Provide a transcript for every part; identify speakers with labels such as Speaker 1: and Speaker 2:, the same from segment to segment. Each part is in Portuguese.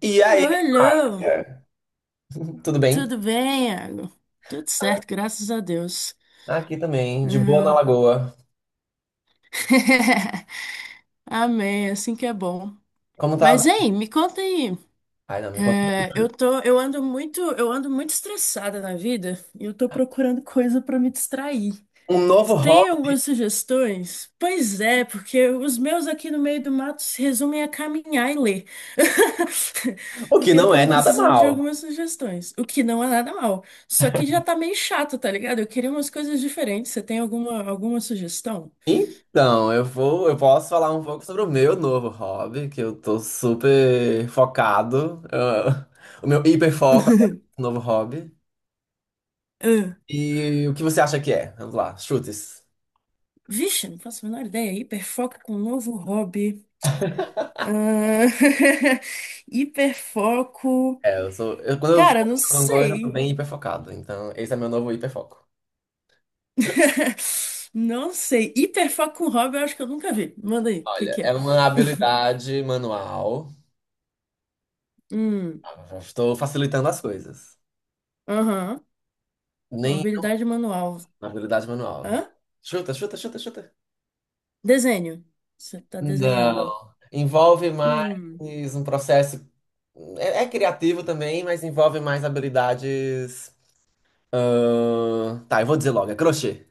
Speaker 1: E
Speaker 2: Alô,
Speaker 1: aí,
Speaker 2: alô.
Speaker 1: Maria? Tudo bem?
Speaker 2: Tudo bem, Iago? Tudo certo, graças a Deus.
Speaker 1: Aqui também, de boa na
Speaker 2: Hum.
Speaker 1: lagoa.
Speaker 2: Amém, é assim que é bom.
Speaker 1: Como tava?
Speaker 2: Mas, hein, me conta aí.
Speaker 1: Ai, não, me conta.
Speaker 2: É, eu tô, eu ando muito estressada na vida e eu tô procurando coisa pra me distrair.
Speaker 1: Um novo
Speaker 2: Tu tem
Speaker 1: hobby,
Speaker 2: algumas sugestões? Pois é, porque os meus aqui no meio do mato se resumem a caminhar e ler.
Speaker 1: o que
Speaker 2: Porque eu
Speaker 1: não é
Speaker 2: tava
Speaker 1: nada
Speaker 2: precisando de
Speaker 1: mal.
Speaker 2: algumas sugestões, o que não é nada mal. Só que já tá meio chato, tá ligado? Eu queria umas coisas diferentes. Você tem alguma sugestão?
Speaker 1: Então, eu posso falar um pouco sobre o meu novo hobby, que eu tô super focado. O meu hiperfoco agora, no novo hobby.
Speaker 2: Ah,
Speaker 1: E o que você acha que é? Vamos lá, chutes.
Speaker 2: vixe, não faço a menor ideia. Hiperfoco com um novo hobby. Ah, hiperfoco.
Speaker 1: É, quando eu
Speaker 2: Cara,
Speaker 1: foco
Speaker 2: não
Speaker 1: em alguma coisa, eu tô
Speaker 2: sei.
Speaker 1: bem hiperfocado. Então, esse é meu novo hiperfoco.
Speaker 2: Não sei. Hiperfoco com hobby, eu acho que eu nunca vi. Manda aí, o que
Speaker 1: Olha,
Speaker 2: que
Speaker 1: é
Speaker 2: é?
Speaker 1: uma habilidade manual.
Speaker 2: Hum,
Speaker 1: Estou facilitando as coisas.
Speaker 2: aham.
Speaker 1: Nem
Speaker 2: Habilidade manual.
Speaker 1: na habilidade manual.
Speaker 2: Hã?
Speaker 1: Chuta, chuta, chuta, chuta.
Speaker 2: Desenho. Você tá desenhando.
Speaker 1: Não. Envolve mais
Speaker 2: Hum.
Speaker 1: um processo. É criativo também, mas envolve mais habilidades. Tá, eu vou dizer logo, é crochê.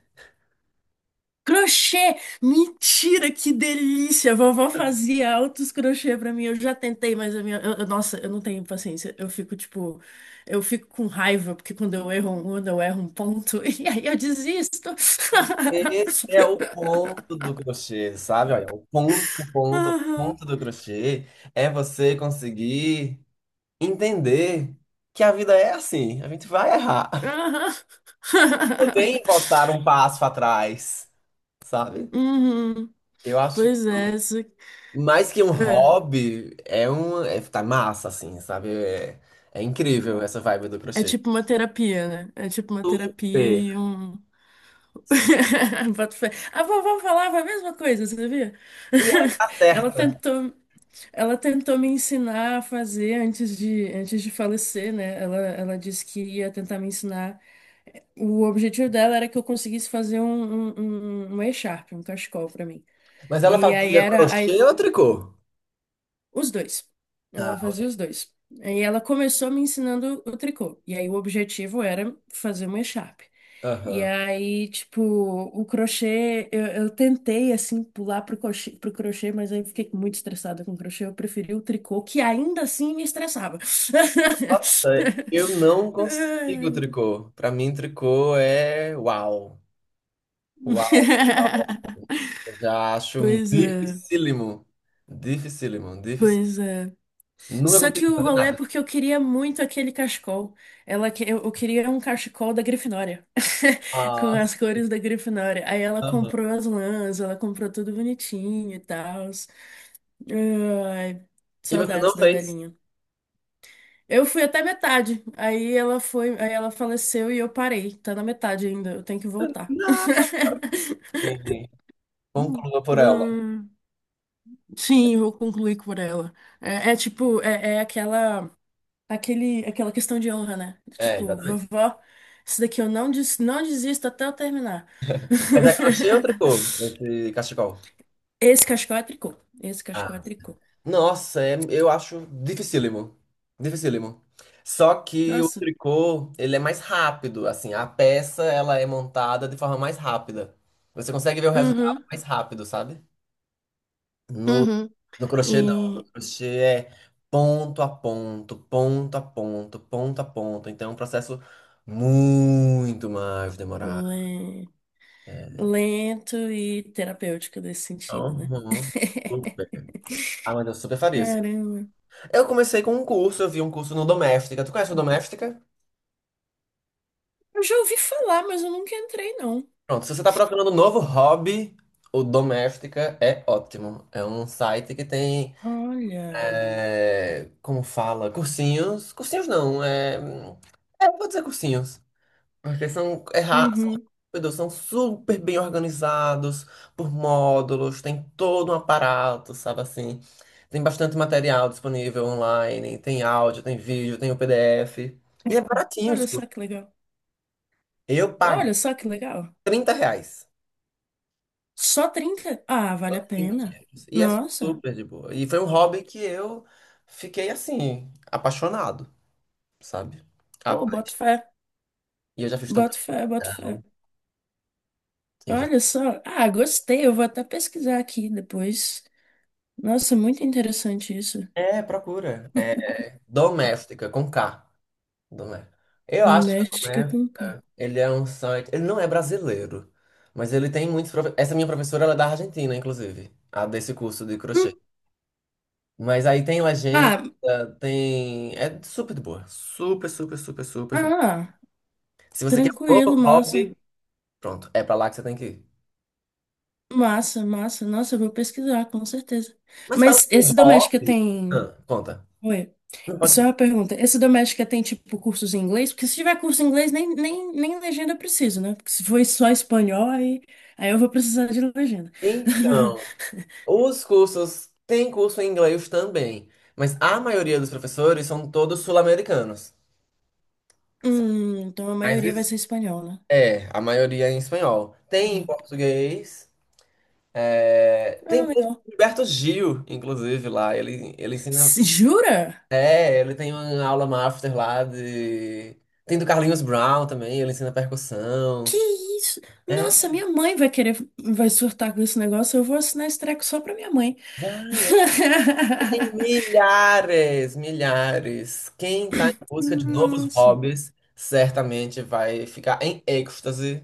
Speaker 2: Crochê! Mentira, que delícia! A vovó fazia altos crochê pra mim. Eu já tentei, mas a minha. Nossa, eu não tenho paciência. Eu fico, tipo. Eu fico com raiva, porque quando eu erro um ponto, e aí eu desisto.
Speaker 1: Esse é o ponto do crochê, sabe? Olha, o ponto, o ponto, o
Speaker 2: Aham.
Speaker 1: ponto do crochê é você conseguir entender que a vida é assim, a gente vai errar.
Speaker 2: Aham.
Speaker 1: Tudo bem voltar um passo atrás, sabe?
Speaker 2: Uhum.
Speaker 1: Eu acho que
Speaker 2: Pois é, isso-
Speaker 1: mais que um
Speaker 2: é,
Speaker 1: hobby, é um. É, tá massa, assim, sabe? É incrível essa vibe do
Speaker 2: é
Speaker 1: crochê.
Speaker 2: tipo uma terapia, né? É tipo uma terapia
Speaker 1: Super.
Speaker 2: e um. Boto fé. A vovó falava a mesma coisa, você sabia?
Speaker 1: E ela tá
Speaker 2: Ela
Speaker 1: certa.
Speaker 2: tentou, ela tentou me ensinar a fazer antes de falecer, né? Ela disse que ia tentar me ensinar. O objetivo dela era que eu conseguisse fazer um echarpe, um cachecol pra mim.
Speaker 1: Mas ela
Speaker 2: E aí
Speaker 1: fazia
Speaker 2: era.
Speaker 1: crochê ou tricô?
Speaker 2: Os dois. Ela
Speaker 1: Ah,
Speaker 2: fazia os dois. Aí ela começou me ensinando o tricô. E aí o objetivo era fazer uma echarpe. E
Speaker 1: aham.
Speaker 2: aí, tipo, o crochê, eu tentei, assim, pular pro crochê, mas aí eu fiquei muito estressada com o crochê. Eu preferi o tricô, que ainda assim me estressava.
Speaker 1: Nossa, eu não consigo tricô. Pra mim, tricô é uau. Uau. Eu já acho
Speaker 2: Pois é,
Speaker 1: dificílimo. Dificílimo, dificílimo.
Speaker 2: pois é.
Speaker 1: Nunca
Speaker 2: Só que
Speaker 1: consegui.
Speaker 2: o rolê é porque eu queria muito aquele cachecol. Eu queria um cachecol da Grifinória, com
Speaker 1: Nossa.
Speaker 2: as cores da Grifinória. Aí ela
Speaker 1: Aham.
Speaker 2: comprou as lãs, ela comprou tudo bonitinho e tal. Ai,
Speaker 1: E você
Speaker 2: saudades
Speaker 1: não
Speaker 2: da
Speaker 1: fez?
Speaker 2: velhinha. Eu fui até metade. Aí ela faleceu e eu parei. Tá na metade ainda, eu tenho que voltar.
Speaker 1: Não. Entendi. Conclua por ela.
Speaker 2: Hum, sim, vou concluir por ela. É, é tipo, é, é aquela. Aquela questão de honra, né?
Speaker 1: É,
Speaker 2: Tipo,
Speaker 1: exatamente.
Speaker 2: vovó, isso daqui eu não, des, não desisto até eu terminar.
Speaker 1: Mas é crochê ou tricô, esse cachecol?
Speaker 2: Esse cachecol é tricô. Esse
Speaker 1: Ah.
Speaker 2: cachecol é tricô.
Speaker 1: Nossa, eu acho dificílimo. Dificílimo. Só que o
Speaker 2: Nossa.
Speaker 1: tricô, ele é mais rápido, assim, a peça, ela é montada de forma mais rápida. Você consegue ver o resultado
Speaker 2: Uhum,
Speaker 1: mais rápido, sabe? No,
Speaker 2: uhum.
Speaker 1: no crochê, não. No
Speaker 2: E
Speaker 1: crochê é ponto a ponto, ponto a ponto, ponto a ponto. Então é um processo muito mais demorado.
Speaker 2: le- lento e terapêutico nesse sentido, né?
Speaker 1: Uhum. Super. Ah, mas eu super faria isso.
Speaker 2: Caramba.
Speaker 1: Eu comecei com um curso, eu vi um curso no Doméstica. Tu conhece o Doméstica?
Speaker 2: Eu já ouvi falar, mas eu nunca entrei, não.
Speaker 1: Pronto, se você tá procurando um novo hobby, o Doméstica é ótimo. É um site que tem,
Speaker 2: Olha.
Speaker 1: como fala, cursinhos. Cursinhos não, eu vou dizer cursinhos. Porque são,
Speaker 2: Uhum.
Speaker 1: meu Deus, são super bem organizados por módulos, tem todo um aparato, sabe assim? Tem bastante material disponível online, tem áudio, tem vídeo, tem o PDF. E é baratinho os
Speaker 2: Olha só
Speaker 1: cursos.
Speaker 2: que legal.
Speaker 1: Eu pago
Speaker 2: Olha só que legal.
Speaker 1: 30 reais.
Speaker 2: Só 30? Ah, vale
Speaker 1: Só
Speaker 2: a
Speaker 1: 30
Speaker 2: pena.
Speaker 1: reais. E é
Speaker 2: Nossa.
Speaker 1: super de boa. E foi um hobby que eu fiquei assim, apaixonado, sabe?
Speaker 2: Pô, boto
Speaker 1: Rapaz.
Speaker 2: fé,
Speaker 1: E eu já fiz tanta.
Speaker 2: boto fé, boto fé.
Speaker 1: Não, eu já...
Speaker 2: Olha só. Ah, gostei. Eu vou até pesquisar aqui depois. Nossa, muito interessante isso.
Speaker 1: É, procura. É doméstica, com K. Domé- Eu acho que
Speaker 2: Doméstica
Speaker 1: é
Speaker 2: com K.
Speaker 1: Ele é um site. Ele não é brasileiro, mas ele tem muitos. Essa minha professora, ela é da Argentina, inclusive, a desse curso de crochê.
Speaker 2: Hum,
Speaker 1: Mas aí tem legenda,
Speaker 2: ah,
Speaker 1: tem. É super de boa. Super, super, super, super de boa.
Speaker 2: ah,
Speaker 1: Se você quer um
Speaker 2: tranquilo,
Speaker 1: novo
Speaker 2: massa.
Speaker 1: hobby, pronto, é pra lá que você tem que ir.
Speaker 2: Massa, massa. Nossa, eu vou pesquisar, com certeza.
Speaker 1: Mas fala
Speaker 2: Mas
Speaker 1: em
Speaker 2: esse doméstica
Speaker 1: hobby.
Speaker 2: tem.
Speaker 1: Ah, conta.
Speaker 2: Oi.
Speaker 1: Não pode
Speaker 2: Só
Speaker 1: ser.
Speaker 2: uma pergunta, esse Doméstica tem, tipo, cursos em inglês? Porque se tiver curso em inglês, nem legenda eu preciso, né? Porque se for só espanhol, aí eu vou precisar de legenda.
Speaker 1: Então, os cursos. Tem curso em inglês também, mas a maioria dos professores são todos sul-americanos.
Speaker 2: Então a
Speaker 1: Mas
Speaker 2: maioria vai ser
Speaker 1: existe
Speaker 2: espanhol, né?
Speaker 1: É, a maioria é em espanhol. Tem em
Speaker 2: Hum.
Speaker 1: português. Tem
Speaker 2: Ah,
Speaker 1: curso
Speaker 2: legal.
Speaker 1: do Gilberto Gil, inclusive, lá. Ele ensina.
Speaker 2: Jura?
Speaker 1: É, ele tem uma aula master lá de. Tem do Carlinhos Brown também, ele ensina
Speaker 2: Que
Speaker 1: percussão.
Speaker 2: isso? Nossa,
Speaker 1: É,
Speaker 2: minha mãe vai querer, vai surtar com esse negócio, eu vou assinar esse treco só pra minha mãe.
Speaker 1: vai, tem milhares, milhares. Quem tá em busca de novos
Speaker 2: Nossa.
Speaker 1: hobbies certamente vai ficar em êxtase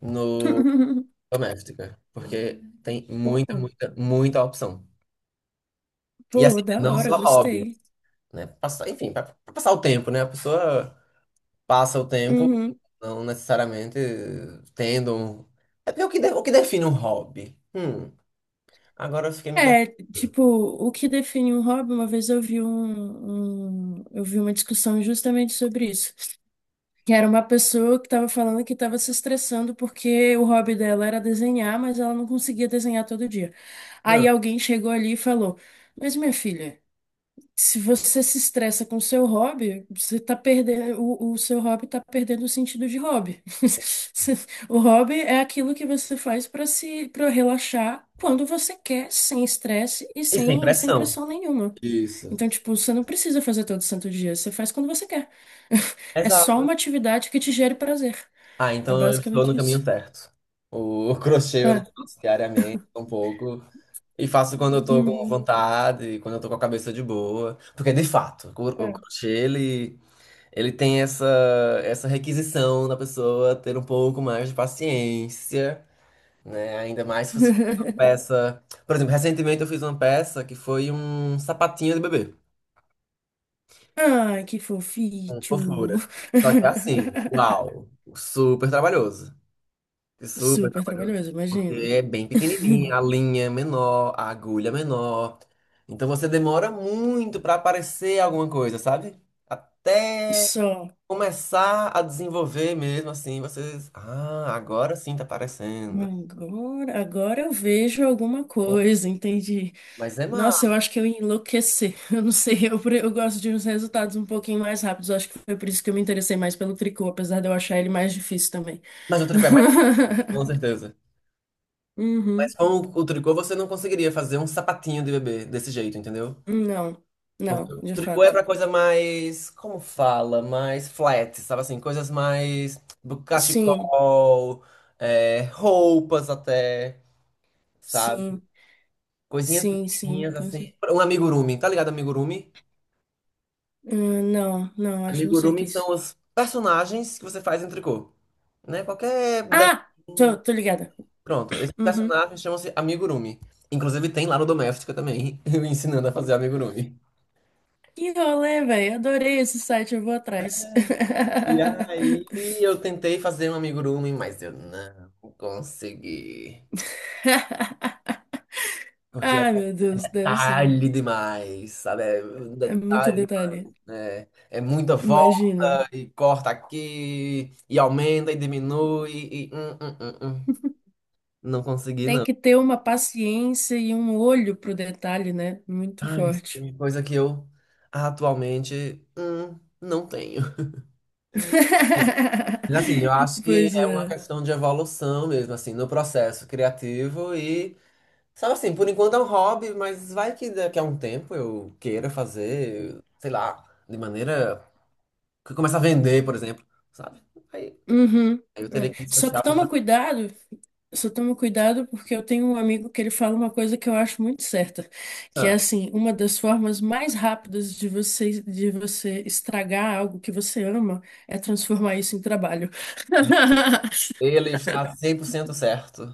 Speaker 1: no Doméstica, porque tem
Speaker 2: Pô,
Speaker 1: muita, muita, muita opção. E
Speaker 2: pô,
Speaker 1: assim,
Speaker 2: da
Speaker 1: não
Speaker 2: hora,
Speaker 1: só hobby.
Speaker 2: gostei.
Speaker 1: né? Passar, enfim, para passar o tempo, né? A pessoa passa o tempo,
Speaker 2: Uhum.
Speaker 1: não necessariamente tendo. É porque o que define um hobby? Agora eu fiquei me
Speaker 2: É, tipo, o que define um hobby, uma vez eu vi eu vi uma discussão justamente sobre isso. Que era uma pessoa que estava falando que estava se estressando porque o hobby dela era desenhar, mas ela não conseguia desenhar todo dia. Aí
Speaker 1: questionando.
Speaker 2: alguém chegou ali e falou: mas minha filha. Se você se estressa com seu hobby, você tá perdendo, o seu hobby tá perdendo o sentido de hobby. O hobby é aquilo que você faz para se, para relaxar quando você quer, sem estresse
Speaker 1: E sem
Speaker 2: e sem
Speaker 1: pressão.
Speaker 2: pressão nenhuma.
Speaker 1: Isso.
Speaker 2: Então, tipo, você não precisa fazer todo santo dia, você faz quando você quer. É só
Speaker 1: Exato.
Speaker 2: uma atividade que te gere prazer.
Speaker 1: Ah,
Speaker 2: É
Speaker 1: então eu estou no
Speaker 2: basicamente
Speaker 1: caminho
Speaker 2: isso.
Speaker 1: certo. O crochê eu não
Speaker 2: É.
Speaker 1: faço diariamente, um pouco. E faço quando eu tô com
Speaker 2: Uhum.
Speaker 1: vontade, quando eu tô com a cabeça de boa. Porque, de fato, o
Speaker 2: É.
Speaker 1: crochê, ele tem essa requisição da pessoa ter um pouco mais de paciência, né? Ainda mais se você fosse uma peça. Por exemplo, recentemente eu fiz uma peça que foi um sapatinho de bebê,
Speaker 2: Ai, que
Speaker 1: com
Speaker 2: fofinho.
Speaker 1: fofura. Só que é assim, uau, super trabalhoso. Super
Speaker 2: Super
Speaker 1: trabalhoso.
Speaker 2: trabalhoso,
Speaker 1: Porque
Speaker 2: imagino.
Speaker 1: é bem pequenininha, a linha é menor, a agulha é menor. Então você demora muito para aparecer alguma coisa, sabe? Até
Speaker 2: Só.
Speaker 1: começar a desenvolver mesmo, assim, vocês. Ah, agora sim tá aparecendo.
Speaker 2: Agora eu vejo alguma
Speaker 1: Pô,
Speaker 2: coisa, entendi.
Speaker 1: mas é
Speaker 2: Nossa, eu
Speaker 1: massa.
Speaker 2: acho que eu ia enlouquecer. Eu não sei, eu gosto de uns resultados um pouquinho mais rápidos. Eu acho que foi por isso que eu me interessei mais pelo tricô, apesar de eu achar ele mais difícil também.
Speaker 1: Mas o tricô é mais fácil, com certeza. Mas
Speaker 2: Uhum.
Speaker 1: com o tricô você não conseguiria fazer um sapatinho de bebê desse jeito, entendeu?
Speaker 2: Não,
Speaker 1: Porque
Speaker 2: não,
Speaker 1: o
Speaker 2: de
Speaker 1: tricô é
Speaker 2: fato.
Speaker 1: pra coisa mais. Como fala? Mais flat, sabe assim? Coisas mais. Do
Speaker 2: Sim,
Speaker 1: cachecol, roupas até, sabe?
Speaker 2: sim,
Speaker 1: Coisinhas
Speaker 2: sim, sim.
Speaker 1: pequenininhas
Speaker 2: com
Speaker 1: assim.
Speaker 2: cer-
Speaker 1: Um amigurumi, tá ligado, amigurumi?
Speaker 2: Ah, não sei o que é
Speaker 1: Amigurumis
Speaker 2: isso.
Speaker 1: são os personagens que você faz em tricô, né? Qualquer desenho.
Speaker 2: Ah, tô ligada.
Speaker 1: Pronto, esses
Speaker 2: Uhum.
Speaker 1: personagens chamam-se amigurumi. Inclusive tem lá no Doméstica também, eu ensinando a fazer amigurumi.
Speaker 2: Que rolê, velho. Adorei esse site, eu vou atrás.
Speaker 1: E aí eu tentei fazer um amigurumi, mas eu não consegui. Porque é
Speaker 2: Ah, meu Deus, deve ser.
Speaker 1: detalhe demais, sabe? É um
Speaker 2: É muito
Speaker 1: detalhe
Speaker 2: detalhe.
Speaker 1: demais, né? É muita volta
Speaker 2: Imagina.
Speaker 1: e corta aqui, e aumenta e diminui. Não consegui,
Speaker 2: Tem
Speaker 1: não.
Speaker 2: que ter uma paciência e um olho pro detalhe, né? Muito
Speaker 1: Ai,
Speaker 2: forte.
Speaker 1: sim, coisa que eu atualmente não tenho. Mas, assim, eu acho que
Speaker 2: Pois
Speaker 1: é uma
Speaker 2: é.
Speaker 1: questão de evolução mesmo, assim, no processo criativo e, sabe assim, por enquanto é um hobby, mas vai que daqui a um tempo eu queira fazer, sei lá, de maneira que começa a vender, por exemplo, sabe? Aí
Speaker 2: Uhum.
Speaker 1: aí eu teria
Speaker 2: É.
Speaker 1: que me
Speaker 2: Só que toma
Speaker 1: especializar.
Speaker 2: cuidado, só toma cuidado porque eu tenho um amigo que ele fala uma coisa que eu acho muito certa, que é
Speaker 1: Não,
Speaker 2: assim, uma das formas mais rápidas de você estragar algo que você ama é transformar isso em trabalho.
Speaker 1: ele está 100% certo.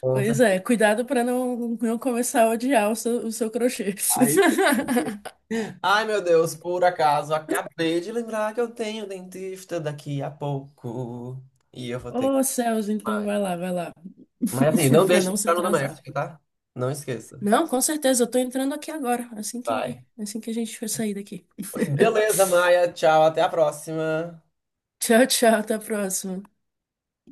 Speaker 1: Com
Speaker 2: Pois
Speaker 1: certeza.
Speaker 2: é, cuidado para não começar a odiar o o seu crochê.
Speaker 1: Ai, meu Deus, por acaso, acabei de lembrar que eu tenho dentista daqui a pouco. E eu vou ter que.
Speaker 2: Ô, Celso então
Speaker 1: Vai.
Speaker 2: vai lá,
Speaker 1: Mas assim, não
Speaker 2: para
Speaker 1: deixe de
Speaker 2: não se
Speaker 1: entrar no
Speaker 2: atrasar.
Speaker 1: doméstico, tá? Não esqueça.
Speaker 2: Não, com certeza, eu tô entrando aqui agora,
Speaker 1: Vai.
Speaker 2: assim que a gente for sair daqui.
Speaker 1: Beleza, Maia. Tchau, até a próxima.
Speaker 2: Tchau, tchau, até a próxima.